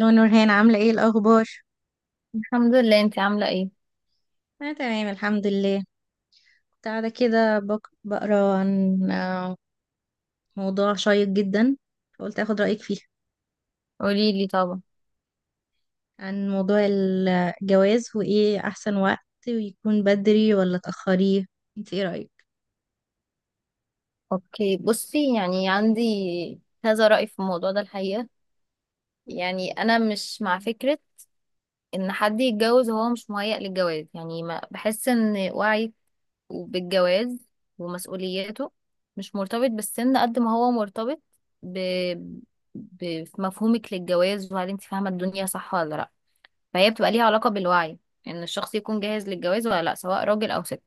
لو نورهان عاملة ايه الأخبار؟ الحمد لله، انت عاملة ايه؟ أنا تمام الحمد لله. كنت قاعدة كده بقرا عن موضوع شيق جدا، فقلت أخد رأيك فيه قولي لي طبعا. عن موضوع الجواز وإيه أحسن وقت، ويكون بدري ولا تأخريه. انت ايه رأيك؟ اوكي، بصي، يعني عندي كذا رأي في الموضوع ده الحقيقة. يعني انا مش مع فكرة ان حد يتجوز وهو مش مهيأ للجواز. يعني ما بحس ان وعيك بالجواز ومسؤولياته مش مرتبط بالسن قد ما هو مرتبط ب... بمفهومك للجواز، وهل انت فاهمة الدنيا صح ولا لا؟ فهي بتبقى ليها علاقة بالوعي ان الشخص يكون جاهز للجواز ولا لا، سواء راجل او ست.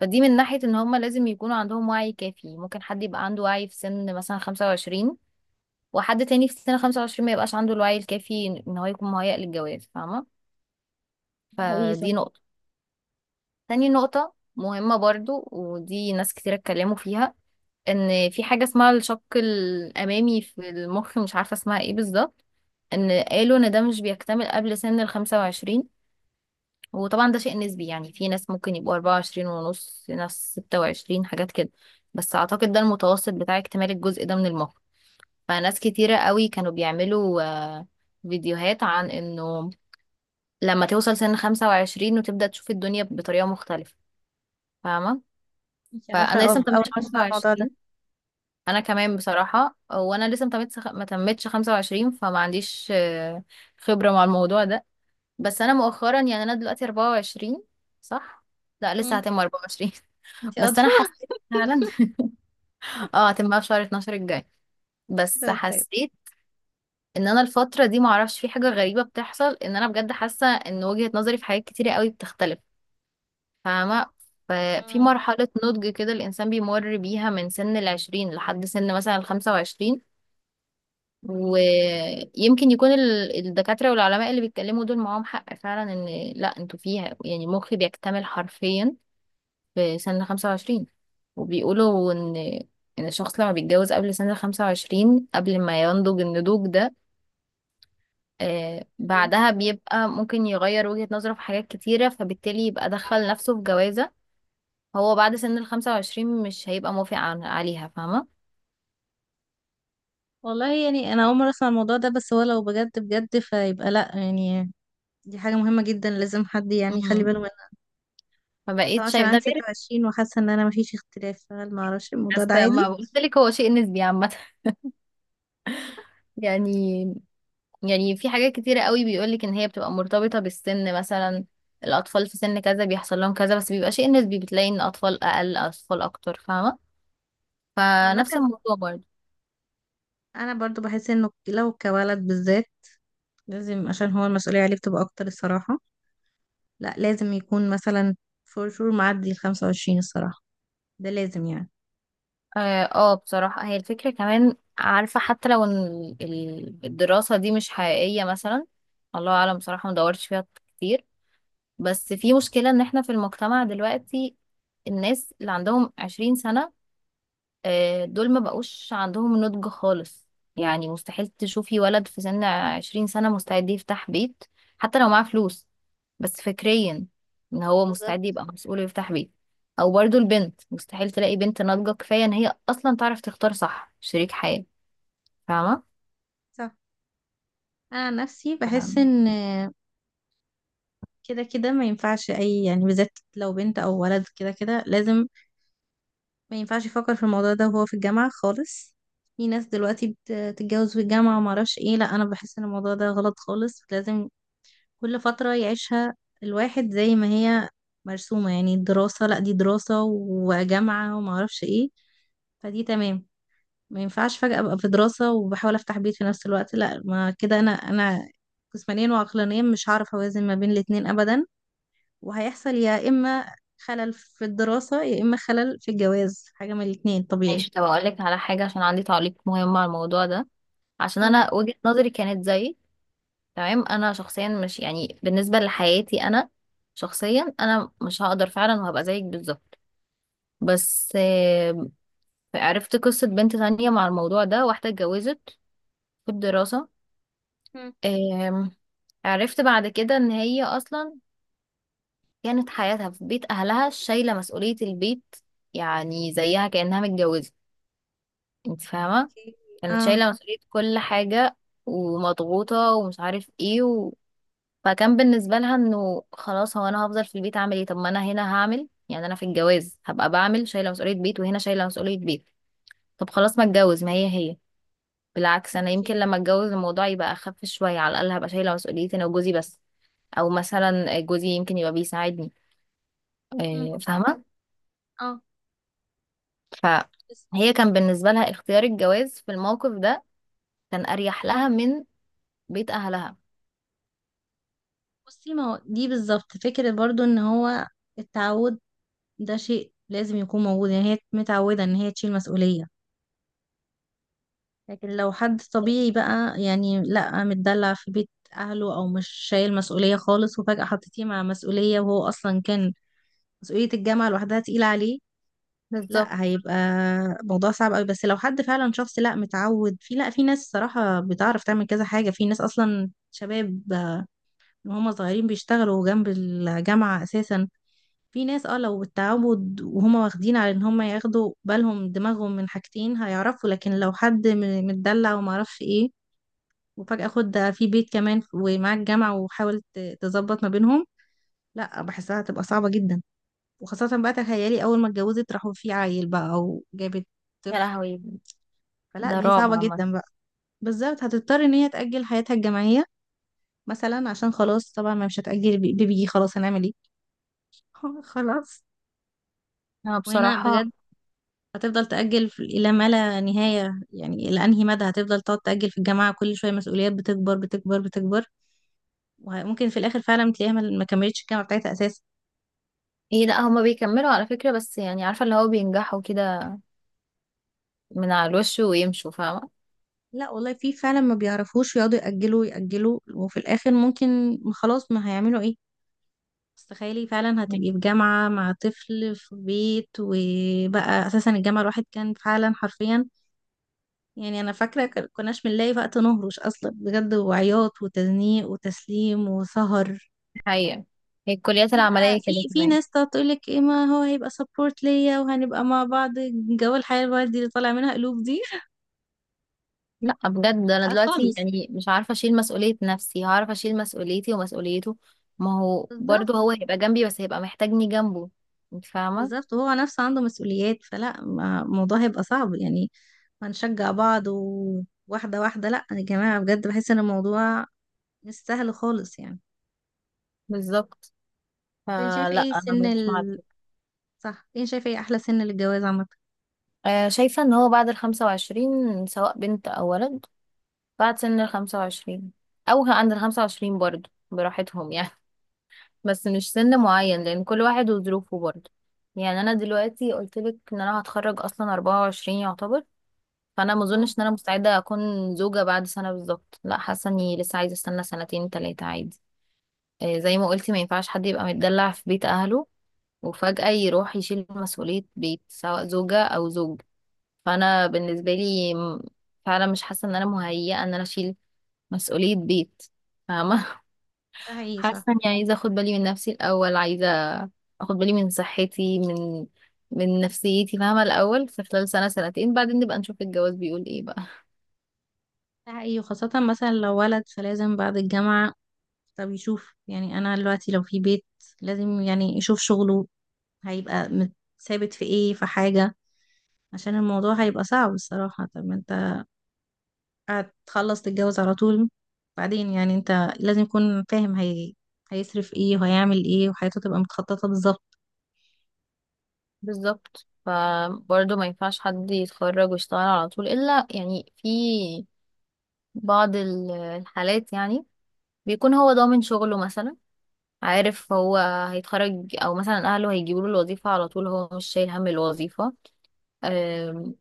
فدي من ناحية ان هما لازم يكونوا عندهم وعي كافي. ممكن حد يبقى عنده وعي في سن مثلا 25، وحد تاني في سن 25 ما يبقاش عنده الوعي الكافي ان هو يكون مهيأ للجواز، فاهمة؟ حقيقي صح. فدي نقطة. تاني نقطة مهمة برضو، ودي ناس كتير اتكلموا فيها، ان في حاجة اسمها الشق الأمامي في المخ، مش عارفة اسمها ايه بالظبط، ان قالوا ان ده مش بيكتمل قبل سن ال 25. وطبعا ده شيء نسبي، يعني في ناس ممكن يبقوا 24 ونص، ناس 26، حاجات كده. بس اعتقد ده المتوسط بتاع اكتمال الجزء ده من المخ. فناس كتيرة قوي كانوا بيعملوا فيديوهات عن انه لما توصل سن 25 وتبدأ تشوف الدنيا بطريقة مختلفة، فاهمة؟ انت عارفة فانا لسه أول متمتش مرة أسمع الموضوع ده. 25. انا كمان بصراحة، وانا لسه متمتش ما تمتش 25، فما عنديش خبرة مع الموضوع ده. بس انا مؤخرا، يعني انا دلوقتي 24، صح؟ لا، لسه مم. هتم 24. انت بس أدرى. انا حسيت فعلا اه، هتبقى في شهر 12 الجاي. بس طيب. حسيت ان انا الفتره دي، معرفش في حاجه غريبه بتحصل، ان انا بجد حاسه ان وجهه نظري في حاجات كتيره قوي بتختلف، فاهمه؟ ففي مم. مرحله نضج كده الانسان بيمر بيها من سن العشرين لحد سن مثلا الخمسة وعشرين. ويمكن يكون الدكاتره والعلماء اللي بيتكلموا دول معاهم حق فعلا، ان لا، انتوا فيها، يعني مخي بيكتمل حرفيا في سن 25. وبيقولوا إن الشخص لما بيتجوز قبل سن 25، قبل ما ينضج النضوج ده، آه إيه؟ بعدها بيبقى ممكن يغير وجهة نظره في حاجات كتيرة، فبالتالي يبقى دخل نفسه في جوازة هو بعد سن ال 25 مش هيبقى موافق عليها، فاهمة؟ والله يعني أنا أول مرة أسمع الموضوع ده، بس هو لو بجد بجد فيبقى لأ يعني، دي حاجة مهمة جدا لازم حد يعني يخلي مم. باله. بس أنا فبقيت عشان شايف عندي ده غير. 26 وحاسة ان انا مفيش اختلاف، فهل معرفش الموضوع بس ده عادي؟ ما قلت لك، هو شيء نسبي عامة. يعني، يعني في حاجات كتيرة قوي بيقولك ان هي بتبقى مرتبطة بالسن. مثلا الاطفال في سن كذا بيحصل لهم كذا، بس بيبقى شيء نسبي، بتلاقي ان اطفال اقل اطفال اكتر، فاهمة؟ وعامة فنفس الموضوع برضه. انا برضو بحس انه لو كولد بالذات لازم، عشان هو المسؤولية عليه بتبقى اكتر الصراحة، لا لازم يكون مثلا فور شور معدي ال 25 الصراحة، ده لازم يعني اه، بصراحة هي الفكرة، كمان عارفة، حتى لو ان الدراسة دي مش حقيقية مثلا، الله اعلم، بصراحة مدورتش فيها كتير. بس في مشكلة، ان احنا في المجتمع دلوقتي الناس اللي عندهم 20 سنة، دول ما بقوش عندهم نضج خالص. يعني مستحيل تشوفي ولد في سن عشرين سنة مستعد يفتح بيت، حتى لو معاه فلوس. بس فكريا، ان هو مستعد بالظبط يبقى مسؤول ويفتح بيت. او برضو البنت، مستحيل تلاقي بنت ناضجة كفاية ان هي اصلا تعرف تختار صح شريك حياة، فاهمة؟ صح. انا عن نفسي بحس تمام. ان كده كده ما ينفعش اي يعني، بالذات لو بنت او ولد كده كده لازم، ما ينفعش يفكر في الموضوع ده وهو في الجامعة خالص. في ناس دلوقتي بتتجوز في الجامعة وما اعرفش ايه، لا انا بحس ان الموضوع ده غلط خالص. لازم كل فترة يعيشها الواحد زي ما هي مرسومة، يعني الدراسة، لا دي دراسة وجامعة وما اعرفش ايه، فدي تمام. ما ينفعش فجأة ابقى في دراسة وبحاول افتح بيت في نفس الوقت، لا ما كده انا جسمانيا وعقلانيا مش هعرف اوازن ما بين الاتنين ابدا، وهيحصل يا اما خلل في الدراسة يا اما خلل في الجواز، حاجة من الاتنين طبيعي. ماشي، طب اقول لك على حاجة عشان عندي تعليق مهم على الموضوع ده. عشان مم. انا وجهة نظري كانت زي... تمام. انا شخصيا، مش يعني بالنسبة لحياتي انا شخصيا، انا مش هقدر فعلا، وهبقى زيك بالظبط. بس عرفت قصة بنت تانية مع الموضوع ده، واحدة اتجوزت في الدراسة. مم. آم، عرفت بعد كده ان هي اصلا كانت حياتها في بيت اهلها، شايلة مسؤولية البيت. يعني زيها كأنها متجوزة، انت فاهمة؟ اوكي. كانت اه شايلة مسؤولية كل حاجة، ومضغوطة ومش عارف ايه فكان بالنسبة لها انه خلاص، هو انا هفضل في البيت اعمل ايه؟ طب ما انا هنا هعمل، يعني انا في الجواز هبقى بعمل شايلة مسؤولية بيت، وهنا شايلة مسؤولية بيت. طب خلاص ما اتجوز، ما هي هي. بالعكس، انا يمكن اوكي. لما اتجوز الموضوع يبقى اخف شويه، على الاقل هبقى شايله مسؤوليتي انا وجوزي بس. او مثلا جوزي يمكن يبقى بيساعدني، مم. فاهمه؟ اه. بس فهي كان بالنسبه لها اختيار الجواز في الموقف ده كان اريح لها من بيت اهلها. بصي، ما هو دي بالظبط فكرة برضو ان هو التعود ده شيء لازم يكون موجود، يعني هي متعودة ان هي تشيل مسؤولية، لكن لو حد طبيعي بقى يعني لا متدلع في بيت اهله او مش شايل مسؤولية خالص، وفجأة حطيتيه مع مسؤولية وهو اصلا كان مسؤولية الجامعة لوحدها تقيلة عليه، بالظبط. لا هيبقى موضوع صعب قوي. بس لو حد فعلا شخص لا متعود، في لا في ناس صراحة بتعرف تعمل كذا حاجة، في ناس اصلا شباب وهم صغيرين بيشتغلوا جنب الجامعة اساسا. في ناس اه لو بالتعود وهما واخدين على ان هما ياخدوا بالهم دماغهم من حاجتين هيعرفوا، لكن لو حد متدلع وما اعرفش ايه، وفجأة خد ده في بيت كمان ومعاك جامعة وحاول تظبط ما بينهم، لا بحسها هتبقى صعبة جدا. وخاصة بقى تخيلي اول ما اتجوزت راحوا في عيل بقى او جابت يا طفل، لهوي، فلا ده دي رعب صعبة عامه. جدا بقى. بالظبط. هتضطر ان هي تأجل حياتها الجامعية مثلا، عشان خلاص طبعا ما مش هتأجل بيبي، خلاص هنعمل ايه؟ خلاص. انا وهنا بصراحه... بجد، هتفضل تأجل إلى ما لا نهاية، يعني إلى أنهي مدى هتفضل تقعد تأجل في الجامعة، كل شوية مسؤوليات بتكبر بتكبر بتكبر، وممكن في الآخر فعلا تلاقيها ما كملتش الجامعة بتاعتها أساسا. ايه لا، هما بيكملوا على فكره، بس يعني عارفه اللي هو بينجحوا كده من على الوش ويمشوا، فاهمه؟ لا والله في فعلا ما بيعرفوش يقعدوا يأجلوا يأجلوا، وفي الآخر ممكن خلاص ما هيعملوا إيه. بس تخيلي فعلا مم. هتبقي في جامعة مع طفل في بيت، وبقى أساسا الجامعة الواحد كان فعلا حرفيا، يعني أنا فاكرة كناش بنلاقي وقت نهرش أصلا بجد، وعياط وتزنيق وتسليم وسهر. حقيقة، هي الكليات في بقى العمليه في كده في كمان. ناس تقعد تقولك ايه، ما هو هيبقى سبورت ليا وهنبقى مع بعض، جو الحياة الوردي اللي طالع منها قلوب دي. لا بجد، انا لا دلوقتي خالص. يعني مش عارفه اشيل مسؤوليه نفسي، هعرف اشيل مسؤوليتي ومسؤوليته؟ ما هو بالظبط. برضه هو هيبقى جنبي، بس هيبقى محتاجني جنبه، انت فاهمه؟ بالظبط، وهو نفسه عنده مسؤوليات، فلا الموضوع هيبقى صعب يعني، هنشجع بعض وواحدة واحدة، لا يا جماعة بجد بحس ان الموضوع مش سهل خالص يعني. بالظبط. طب انت شايفة فلا ايه انا سن مش مع ال ده. صح، انت شايفة ايه احلى سن للجواز عامة؟ شايفه ان هو بعد الخمسة وعشرين، سواء بنت او ولد، بعد سن الخمسة وعشرين، او عند الخمسة وعشرين برضه، براحتهم يعني. بس مش سن معين، لان كل واحد وظروفه برضه. يعني انا دلوقتي قلت لك ان انا هتخرج اصلا 24 يعتبر. فانا ما مم، اظنش ان انا مستعده اكون زوجه بعد سنه بالظبط، لا، حاسه اني لسه عايزه استنى سنتين تلاتة عادي. زي ما قلتي، ما ينفعش حد يبقى متدلع في بيت اهله وفجاه يروح يشيل مسؤوليه بيت سواء زوجه او زوج. فانا بالنسبه لي فعلا مش حاسه ان انا مهيئه ان انا اشيل مسؤوليه بيت، فاهمه؟ ده حقيقي صح. حاسه اني عايزه اخد بالي من نفسي الاول، عايزه اخد بالي من صحتي، من نفسيتي، فاهمه؟ الاول في خلال سنه سنتين بعدين نبقى نشوف الجواز بيقول ايه بقى. ده حقيقي، وخاصة مثلا لو ولد فلازم بعد الجامعة، طب يشوف يعني انا دلوقتي لو في بيت لازم يعني يشوف شغله، هيبقى ثابت في ايه في حاجة، عشان الموضوع هيبقى صعب الصراحة، طب ما انت هتخلص تتجوز على طول بعدين يعني، انت لازم يكون فاهم هيصرف ايه وهيعمل ايه وحياته تبقى متخططة بالظبط. بالظبط، فبرضه ما ينفعش حد يتخرج ويشتغل على طول، إلا يعني في بعض الحالات، يعني بيكون هو ضامن شغله مثلا، عارف هو هيتخرج، أو مثلا أهله هيجيبوا له الوظيفة على طول، هو مش شايل هم الوظيفة. أم،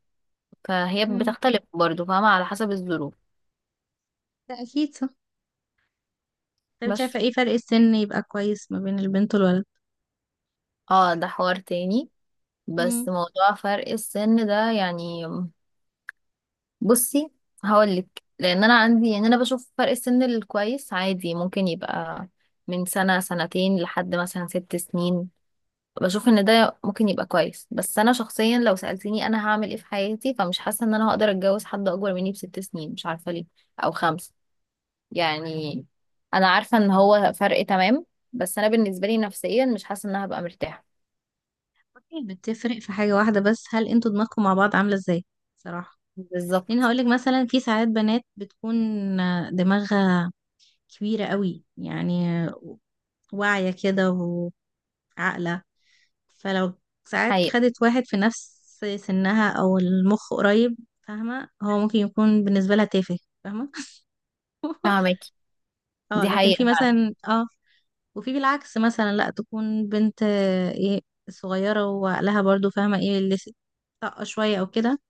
فهي امم، بتختلف برضه فاهمة، على حسب الظروف. ده اكيد صح. طب شايفة بس ايه فرق السن يبقى كويس ما بين البنت والولد؟ اه، ده حوار تاني، امم. بس موضوع فرق السن ده يعني، بصي هقولك. لان انا عندي، يعني انا بشوف فرق السن الكويس عادي ممكن يبقى من سنة سنتين لحد مثلا ست سنين، بشوف ان ده ممكن يبقى كويس. بس انا شخصيا لو سألتني انا هعمل ايه في حياتي، فمش حاسة ان انا هقدر اتجوز حد اكبر مني بست سنين، مش عارفة ليه، او خمسة، يعني. انا عارفة ان هو فرق تمام، بس انا بالنسبة لي نفسيا مش حاسة ان انا هبقى مرتاحة. بتفرق في حاجة واحدة بس، هل انتوا دماغكم مع بعض عاملة ازاي صراحة؟ لان بالظبط. هقولك مثلا، في ساعات بنات بتكون دماغها كبيرة قوي يعني، واعية كده وعاقلة، فلو ساعات حقيقة. خدت واحد في نفس سنها او المخ قريب، فاهمة هو ممكن يكون بالنسبة لها تافه، فاهمة. فاهمك. اه، دي لكن في حقيقة. مثلا اه، وفي بالعكس مثلا، لا تكون بنت ايه صغيرة وعقلها برضو فاهمة ايه اللي، طاقة شوية او كده،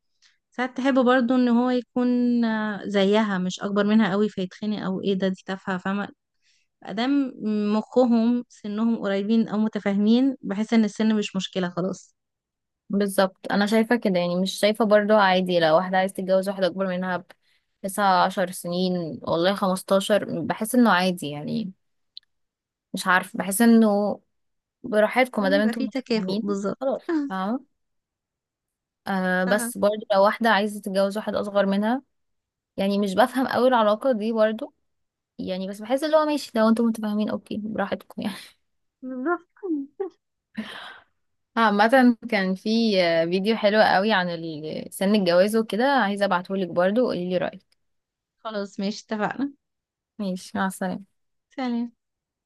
ساعات تحب برضو ان هو يكون زيها مش اكبر منها قوي فيتخنق او ايه ده دي تافهه فاهمه. ادام مخهم سنهم قريبين او متفاهمين بحس ان السن مش مشكله خلاص. بالظبط، انا شايفه كده، يعني مش شايفه برضو عادي لو واحده عايز تتجوز واحده اكبر منها بـ 19 سنة، والله خمستاشر، بحس انه عادي يعني. مش عارف بحس انه براحتكم ما المهم دام يبقى انتم فيه تكافؤ متفاهمين. بالظبط. خلاص. فاهمه. آه صح. بس برضو لو واحده عايزه تتجوز واحد اصغر منها، يعني مش بفهم قوي العلاقه دي برضو، يعني بس بحس اللي هو ماشي. لو انتم متفاهمين اوكي براحتكم يعني. بالظبط. عامة كان في فيديو حلو قوي عن سن الجواز وكده، عايزة ابعتهولك برضو وقوليلي رأيك. خلاص ماشي اتفقنا. ماشي، مع السلامة. سلام.